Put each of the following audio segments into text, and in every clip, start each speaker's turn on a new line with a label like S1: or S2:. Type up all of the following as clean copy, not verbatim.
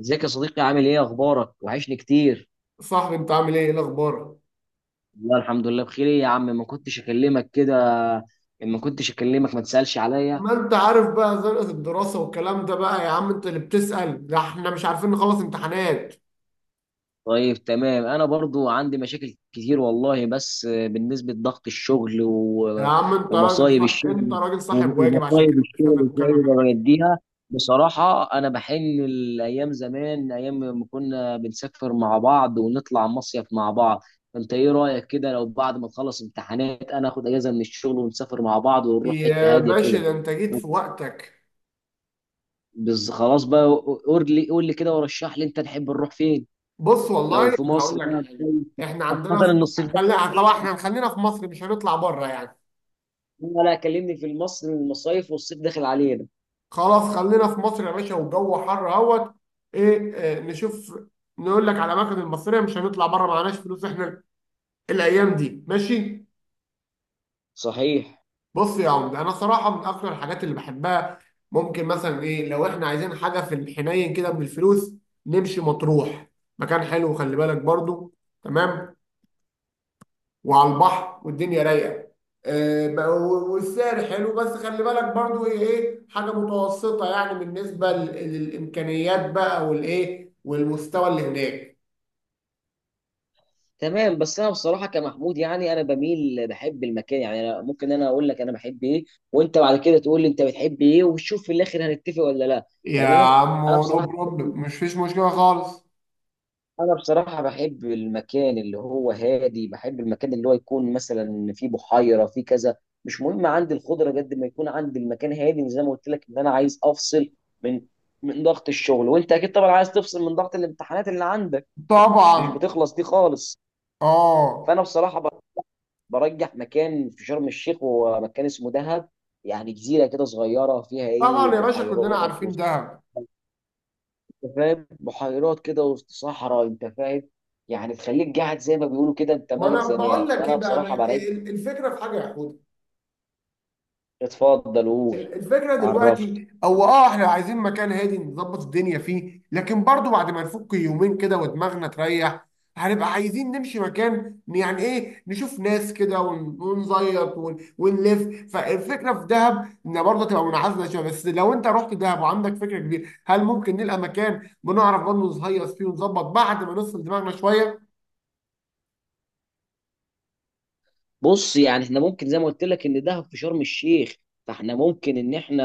S1: ازيك يا صديقي، عامل ايه؟ اخبارك؟ وحشني كتير.
S2: صاحبي، انت عامل ايه الاخبار؟
S1: والله الحمد لله بخير، ايه يا عم ما كنتش اكلمك كده؟ ما كنتش اكلمك ما تسالش عليا؟
S2: ما انت عارف بقى زنقة الدراسة والكلام ده، بقى يا عم انت اللي بتسأل؟ ده احنا مش عارفين نخلص امتحانات.
S1: طيب تمام، انا برضو عندي مشاكل كتير والله، بس بالنسبه لضغط الشغل
S2: يا عم انت راجل
S1: ومصايب
S2: صح... انت
S1: الشغل.
S2: راجل صاحب واجب، عشان
S1: ومصايب
S2: كده بستنى
S1: الشغل ازاي
S2: المكالمة منك.
S1: بوديها. بصراحه انا بحن الايام زمان، ايام ما كنا بنسافر مع بعض ونطلع مصيف مع بعض. انت ايه رايك كده لو بعد ما نخلص امتحانات انا اخد اجازه من الشغل ونسافر مع بعض ونروح حته
S2: يا
S1: هاديه
S2: باشا،
S1: كده؟
S2: ده انت جيت في وقتك.
S1: بس خلاص بقى. قول لي قول لي كده ورشح لي، انت تحب نروح فين؟
S2: بص والله
S1: لو
S2: انا
S1: في مصر
S2: هقول
S1: بقى
S2: لك حاجة.
S1: كويس،
S2: احنا
S1: خاصة
S2: عندنا في...
S1: إن الصيف داخل
S2: طبعا
S1: علينا.
S2: احنا خلينا في مصر، مش هنطلع بره يعني.
S1: لا لا، كلمني في مصر المصايف والصيف داخل علينا.
S2: خلاص، خلينا في مصر يا باشا، والجو حر اهوت. ايه، نشوف. نقول لك على الاماكن المصرية، مش هنطلع بره، معناش فلوس احنا الايام دي، ماشي.
S1: صحيح.
S2: بص يا عمد، انا صراحه من اكتر الحاجات اللي بحبها، ممكن مثلا ايه، لو احنا عايزين حاجه في الحنين كده بالفلوس، نمشي مطروح. مكان حلو، خلي بالك برضو، تمام. وعلى البحر والدنيا رايقه. والسعر حلو، بس خلي بالك برضو ايه، حاجه متوسطه يعني، بالنسبه للامكانيات بقى، والايه والمستوى اللي هناك.
S1: تمام، بس أنا بصراحة كمحمود يعني أنا بميل بحب المكان، يعني أنا ممكن أنا أقول لك أنا بحب إيه، وأنت بعد كده تقول لي أنت بتحب إيه، وشوف في الآخر هنتفق ولا لا.
S2: يا
S1: تمام.
S2: عم،
S1: أنا
S2: نو
S1: بصراحة
S2: بروبلم، مش فيش مشكله خالص.
S1: انا بصراحه بحب المكان اللي هو هادي، بحب المكان اللي هو يكون مثلا فيه بحيره فيه كذا. مش مهم عندي الخضره قد ما يكون عندي المكان هادي، وزي ما قلت لك ان انا عايز افصل من من ضغط الشغل، وانت اكيد طبعا عايز تفصل من ضغط الامتحانات اللي عندك مش
S2: طبعا
S1: بتخلص دي خالص.
S2: اه
S1: فانا بصراحه برجح مكان في شرم الشيخ ومكان اسمه دهب. يعني جزيره كده صغيره فيها ايه
S2: طبعا يا باشا، كلنا
S1: بحيرات،
S2: عارفين دهب.
S1: انت فاهم؟ بحيرات كده وسط صحراء، انت فاهم؟ يعني تخليك قاعد زي ما بيقولوا كده انت
S2: ما
S1: ملك
S2: انا بقول
S1: زمانك.
S2: لك ايه
S1: فانا
S2: بقى،
S1: بصراحه برايك
S2: الفكره في حاجه يا حوده.
S1: اتفضل قول.
S2: الفكره
S1: عرفني.
S2: دلوقتي، او اه احنا عايزين مكان هادي نظبط الدنيا فيه، لكن برضو بعد ما نفك يومين كده ودماغنا تريح، هنبقى عايزين نمشي مكان، يعني ايه، نشوف ناس كده ونزيط ونلف. فالفكره في دهب، ان برضه تبقى منعزله شويه، بس لو انت رحت دهب وعندك فكره كبيره، هل ممكن نلقى مكان بنعرف برضه نهيص فيه ونظبط بعد ما نفصل دماغنا شويه؟
S1: بص يعني احنا ممكن زي ما قلت لك ان دهب في شرم الشيخ، فاحنا ممكن ان احنا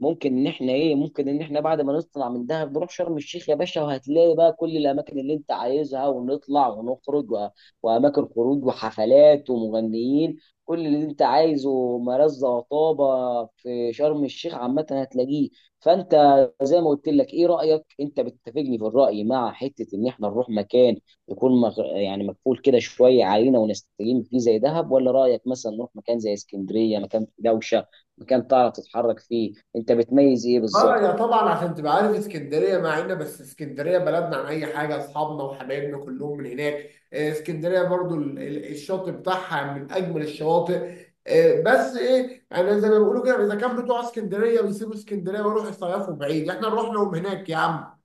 S1: ممكن ان احنا ايه ممكن ان احنا بعد ما نطلع من دهب نروح شرم الشيخ يا باشا، وهتلاقي بقى كل الاماكن اللي انت عايزها ونطلع ونخرج واماكن خروج وحفلات ومغنيين، كل اللي انت عايزه مرزة وطابة في شرم الشيخ عامة هتلاقيه. فانت زي ما قلت لك، ايه رأيك انت بتتفقني في الرأي مع حتة ان احنا نروح مكان يكون يعني مقفول كده شويه علينا ونستجم فيه زي دهب، ولا رايك مثلا نروح مكان زي اسكندريه، مكان في دوشه، مكان تعرف تتحرك فيه، انت بتميز ايه
S2: اه،
S1: بالظبط؟
S2: يا طبعا، عشان تبقى عارف، اسكندريه معانا، بس اسكندريه بلدنا عن اي حاجه، اصحابنا وحبايبنا كلهم من هناك. اسكندريه برضو، الشاطئ بتاعها من اجمل الشواطئ. بس ايه، يعني زي ما بيقولوا كده، اذا كان بتوع اسكندريه بيسيبوا اسكندريه ويروحوا يصيفوا بعيد، احنا نروح لهم هناك يا عم؟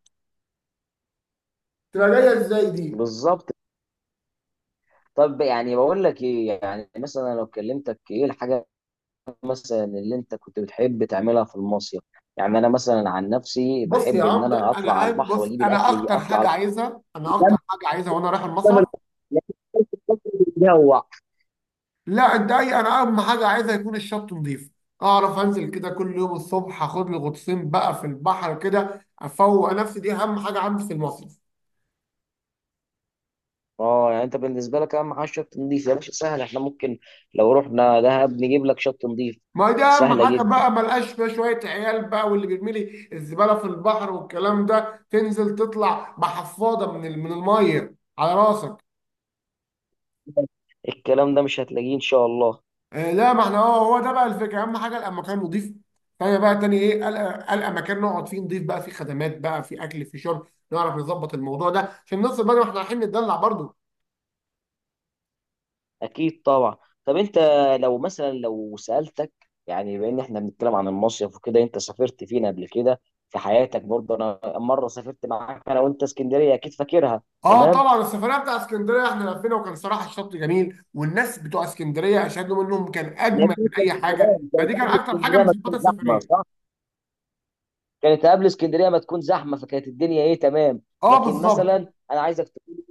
S2: تبقى جايه ازاي دي؟
S1: بالظبط. طب يعني بقول لك ايه، يعني مثلا لو كلمتك ايه الحاجه مثلا اللي انت كنت بتحب تعملها في المصيف؟ يعني انا مثلا عن نفسي
S2: بص يا
S1: بحب ان
S2: عم، ده
S1: انا
S2: انا
S1: اطلع على
S2: قاعد.
S1: البحر واجيب
S2: انا
S1: الاكل
S2: اكتر
S1: اطلع على
S2: حاجه عايزها انا اكتر حاجه عايزها وانا رايح المصيف.
S1: البحر.
S2: لا، انت اي انا اهم حاجه عايزها يكون الشط نظيف. اعرف انزل كده كل يوم الصبح، اخد لي غطسين بقى في البحر كده افوق نفسي. دي اهم حاجه عندي في المصيف.
S1: اه يعني انت بالنسبه لك اهم حاجه شط نضيف. يا باشا سهل، احنا ممكن لو رحنا دهب نجيب لك شط نضيف.
S2: ما دي اهم
S1: سهله
S2: حاجه
S1: جدا،
S2: بقى، ملقاش فيها شويه عيال بقى واللي بيرمي لي الزباله في البحر والكلام ده، تنزل تطلع بحفاضه من الميه على راسك.
S1: الكلام ده مش هتلاقيه ان شاء الله.
S2: آه لا، ما احنا هو ده بقى الفكره، اهم حاجه المكان نظيف. تاني بقى، تاني ايه، القى مكان نقعد فيه نضيف بقى، فيه خدمات بقى، فيه اكل فيه شرب، نعرف نظبط الموضوع ده عشان نوصل بقى، ما احنا رايحين نتدلع برضه.
S1: اكيد طبعا. طب انت لو مثلا لو سالتك، يعني بما ان احنا بنتكلم عن المصيف وكده، انت سافرت فين قبل كده في حياتك؟ برضه انا مره سافرت معاك انا وانت اسكندريه، اكيد فاكرها.
S2: اه،
S1: تمام.
S2: طبعا. السفريه بتاع اسكندريه، احنا لفينا، وكان صراحه الشط جميل، والناس بتوع اسكندريه اشهد لهم انهم كان اجمل
S1: لكن
S2: من
S1: انت
S2: اي حاجه،
S1: كانت
S2: فدي كان
S1: قبل
S2: اكتر حاجه
S1: اسكندريه
S2: من
S1: ما
S2: صفات
S1: تكون زحمه،
S2: السفريه.
S1: صح؟ كانت قبل اسكندريه ما تكون زحمه، فكانت الدنيا ايه تمام.
S2: اه،
S1: لكن مثلا
S2: بالظبط.
S1: انا عايزك تقول،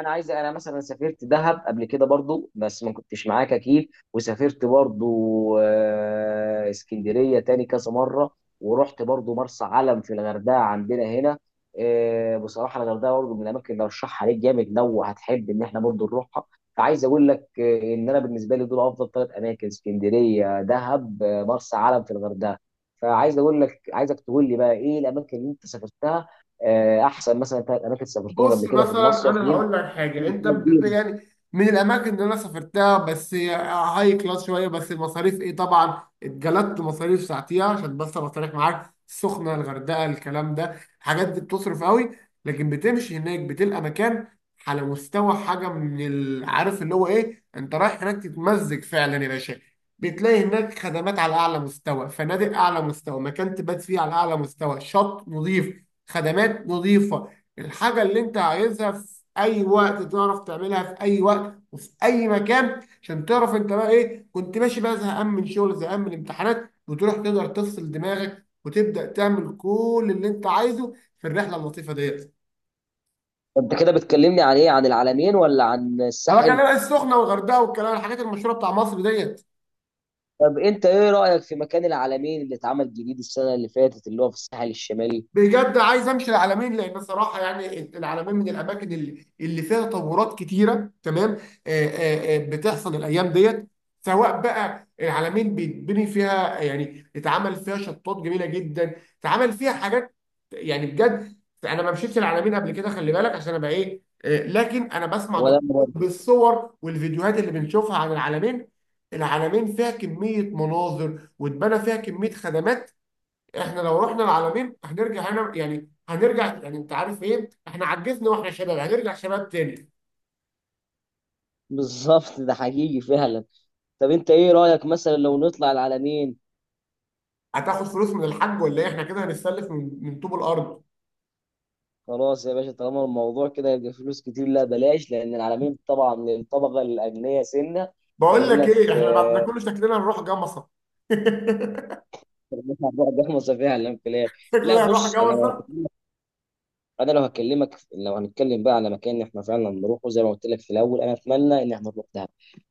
S1: انا عايز، انا مثلا سافرت دهب قبل كده برضو بس ما كنتش معاك اكيد، وسافرت برضو اسكندريه تاني كذا مره، ورحت برضو مرسى علم في الغردقه عندنا هنا. بصراحه الغردقه برضو من الاماكن اللي ارشحها ليك جامد لو هتحب ان احنا برضو نروحها. فعايز اقول لك ان انا بالنسبه لي دول افضل ثلاث اماكن، اسكندريه، دهب، مرسى علم في الغردقه. فعايز اقول لك، عايزك تقول لي بقى ايه الاماكن اللي انت سافرتها، احسن مثلا ثلاث اماكن سافرتهم
S2: بص
S1: قبل كده في
S2: مثلا،
S1: المصيف
S2: انا
S1: يمكن
S2: هقول لك
S1: في
S2: حاجه، انت
S1: حاجة جديدة.
S2: يعني، من الاماكن اللي انا سافرتها، بس هي هاي كلاس شويه، بس المصاريف ايه، طبعا اتجلدت مصاريف ساعتيها عشان بس ابقى صريح معاك، السخنه، الغردقه، الكلام ده، الحاجات دي بتصرف قوي. لكن بتمشي هناك بتلقى مكان على مستوى حاجه، عارف اللي هو ايه، انت رايح هناك تتمزج فعلا يا باشا. بتلاقي هناك خدمات على اعلى مستوى، فنادق اعلى مستوى، مكان تبات فيه على اعلى مستوى، شط نظيف، خدمات نظيفه. الحاجة اللي انت عايزها في اي وقت تعرف تعملها، في اي وقت وفي اي مكان، عشان تعرف انت بقى ايه، كنت ماشي بقى زهقان من شغل، زهقان من الامتحانات، وتروح تقدر تفصل دماغك وتبدأ تعمل كل اللي انت عايزه في الرحلة اللطيفة ديت.
S1: انت كده بتكلمني عن ايه، عن العلمين ولا عن
S2: انا
S1: الساحل؟
S2: بكلمك السخنة والغردقة والكلام، الحاجات المشهورة بتاع مصر ديت.
S1: طب انت ايه رايك في مكان العلمين اللي اتعمل جديد السنه اللي فاتت، اللي هو في الساحل الشمالي؟
S2: بجد عايز امشي العالمين، لان صراحه يعني، العالمين من الاماكن اللي فيها تطورات كتيره، تمام. بتحصل الايام ديت. سواء بقى العالمين بيتبني فيها، يعني اتعمل فيها شطات جميله جدا، اتعمل فيها حاجات، يعني بجد، انا ما مشيتش العالمين قبل كده، خلي بالك عشان ابقى ايه، لكن انا بسمع
S1: ولا
S2: دكتور،
S1: مرة.
S2: بالصور والفيديوهات اللي بنشوفها عن العالمين. العالمين فيها كميه مناظر واتبنى فيها كميه خدمات. احنا لو رحنا العالمين هنرجع هنا، يعني هنرجع، يعني انت عارف ايه، احنا عجزنا واحنا شباب، هنرجع شباب تاني.
S1: بالظبط، ده حقيقي فعلا. طب انت ايه رايك مثلا لو نطلع العلمين؟
S2: هتاخد فلوس من الحاج ولا ايه؟ احنا كده هنتسلف من طوب الارض.
S1: خلاص يا باشا، طالما الموضوع كده يبقى فلوس كتير، لا بلاش، لان العلمين طبعا للطبقه الاغنياء سنه.
S2: بقول لك
S1: خلينا
S2: ايه،
S1: في
S2: احنا بعد ده كله شكلنا هنروح جمصه.
S1: بعد احمص فعلا في الاخر. لا
S2: شكلنا هنروح
S1: بص، انا لو
S2: جمصه.
S1: انا لو هكلمك لو هنتكلم بقى على مكان احنا فعلا نروحه، زي ما قلت لك في الاول انا اتمنى ان احنا نروح دهب.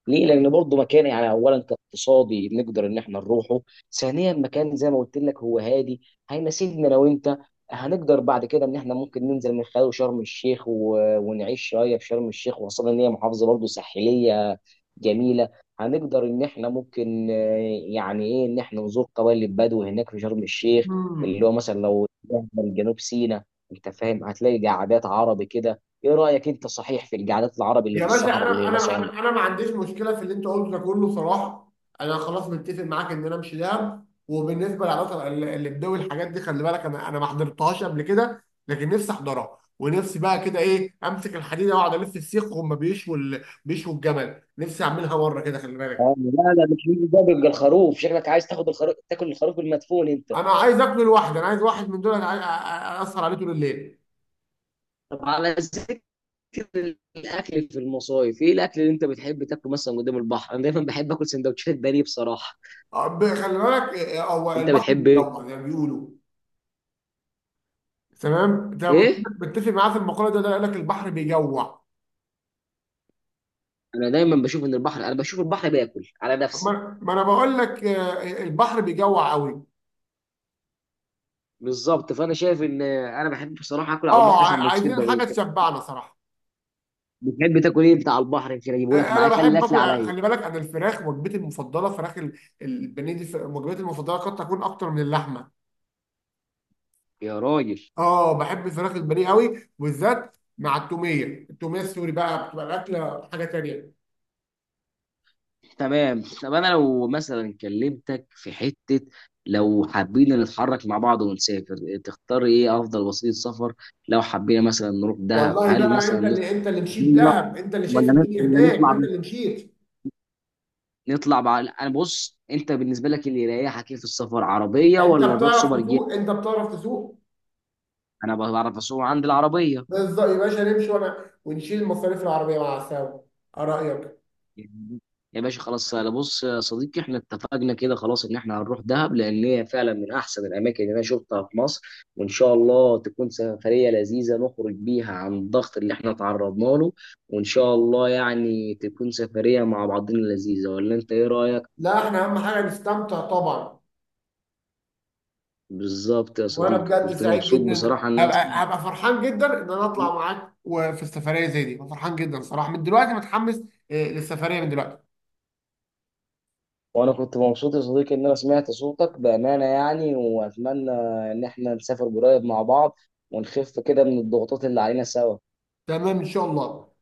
S1: ليه؟ لان برضه مكان، يعني اولا كاقتصادي نقدر ان احنا نروحه، ثانيا مكان زي ما قلت لك هو هادي هيناسبنا. لو انت هنقدر بعد كده ان احنا ممكن ننزل من خلال شرم الشيخ ونعيش شويه في شرم الشيخ، وخاصه ان هي محافظه برضه ساحليه جميله. هنقدر ان احنا ممكن يعني ايه ان احنا نزور قبائل البدو هناك في شرم الشيخ، اللي
S2: مم.
S1: هو مثلا لو من جنوب سيناء انت فاهم، هتلاقي قعدات عربي كده. ايه رايك انت، صحيح في القعدات العربي اللي في
S2: يا باشا،
S1: الصحراء
S2: انا
S1: اللي
S2: انا
S1: مثلا؟
S2: انا أنا ما عنديش مشكله في اللي انت قلته ده كله صراحه. انا خلاص متفق معاك ان انا امشي دهب. وبالنسبه للعلاقه اللي بدوي، الحاجات دي خلي بالك، انا ما حضرتهاش قبل كده، لكن نفسي احضرها ونفسي بقى كده ايه، امسك الحديده واقعد الف السيخ وهم بيشوا الجمل، نفسي اعملها مره كده خلي بالك.
S1: لا لا مش مين ده، بيبقى الخروف، شكلك عايز تاخد الخروف تاكل الخروف المدفون انت.
S2: انا عايز اكل لوحدي، انا عايز واحد من دول، أنا عايز- أ- أ- اسهر عليه طول الليل.
S1: طب على ذكر الاكل في المصايف، ايه الاكل اللي انت بتحب تاكله مثلا قدام البحر؟ انا دايما بحب اكل سندوتشات بانيه بصراحه.
S2: خلي بالك، هو
S1: انت
S2: البحر
S1: بتحب ايه؟
S2: بيجوع زي ما بيقولوا. تمام، انت متفق
S1: ايه.
S2: متفق معايا في المقوله دي ولا لا؟ يقول لك البحر بيجوع.
S1: انا دايما بشوف ان البحر انا بشوف البحر باكل على نفسي.
S2: ما انا بقول لك، البحر بيجوع قوي.
S1: بالظبط، فانا شايف ان انا بحب بصراحه اكل على
S2: اه،
S1: البحر سندوتشات
S2: عايزين
S1: البانيه.
S2: حاجه تشبعنا صراحه.
S1: بتحب تاكل ايه بتاع البحر؟ يمكن اجيبه لك
S2: انا
S1: معايا، خلي
S2: بحب
S1: الاكل
S2: اكل.
S1: عليا.
S2: خلي بالك، انا الفراخ، وجبتي المفضله فراخ البانيه دي، وجبتي المفضله قد تكون اكتر من اللحمه.
S1: يا راجل.
S2: اه، بحب فراخ البانيه قوي، وبالذات مع التوميه. التوميه السوري بقى بتبقى الاكله حاجه تانيه.
S1: تمام. طب انا لو مثلا كلمتك في حته، لو حابين نتحرك مع بعض ونسافر، تختار ايه افضل وسيله سفر؟ لو حبينا مثلا نروح دهب
S2: والله
S1: هل
S2: بقى،
S1: مثلا
S2: انت اللي
S1: نطلع
S2: انت اللي مشيت
S1: بالله،
S2: دهب، انت اللي شايف
S1: ولا نطلع
S2: الدنيا هناك، ما انت اللي مشيت.
S1: نطلع بقى. انا بص، انت بالنسبه لك اللي يريحك ايه في السفر، عربيه
S2: انت
S1: ولا نروح
S2: بتعرف
S1: سوبر جيت؟
S2: تسوق؟ انت بتعرف تسوق.
S1: انا بعرف اسوق عند العربيه.
S2: بالظبط يا باشا، نمشي وانا ونشيل مصاريف العربيه مع السوا. ايه رايك؟
S1: يا باشا خلاص، انا بص يا صديقي احنا اتفقنا كده خلاص ان احنا هنروح دهب، لان هي فعلا من احسن الاماكن اللي انا شفتها في مصر، وان شاء الله تكون سفريه لذيذه نخرج بيها عن الضغط اللي احنا تعرضنا له. وان شاء الله يعني تكون سفريه مع بعضنا لذيذه، ولا انت ايه رايك؟
S2: لا، احنا اهم حاجه نستمتع طبعا.
S1: بالظبط يا
S2: وانا
S1: صديقي،
S2: بجد
S1: كنت
S2: سعيد
S1: مبسوط
S2: جدا،
S1: بصراحه ان انا.
S2: هبقى فرحان جدا ان انا اطلع معاك، وفي السفريه زي دي، أنا فرحان جدا صراحه، من دلوقتي متحمس، للسفريه من دلوقتي.
S1: وانا كنت مبسوط يا صديقي ان انا سمعت صوتك بامانه يعني، واتمنى ان احنا نسافر قريب مع بعض، ونخف كده من الضغوطات اللي علينا سوا.
S2: تمام ان شاء الله.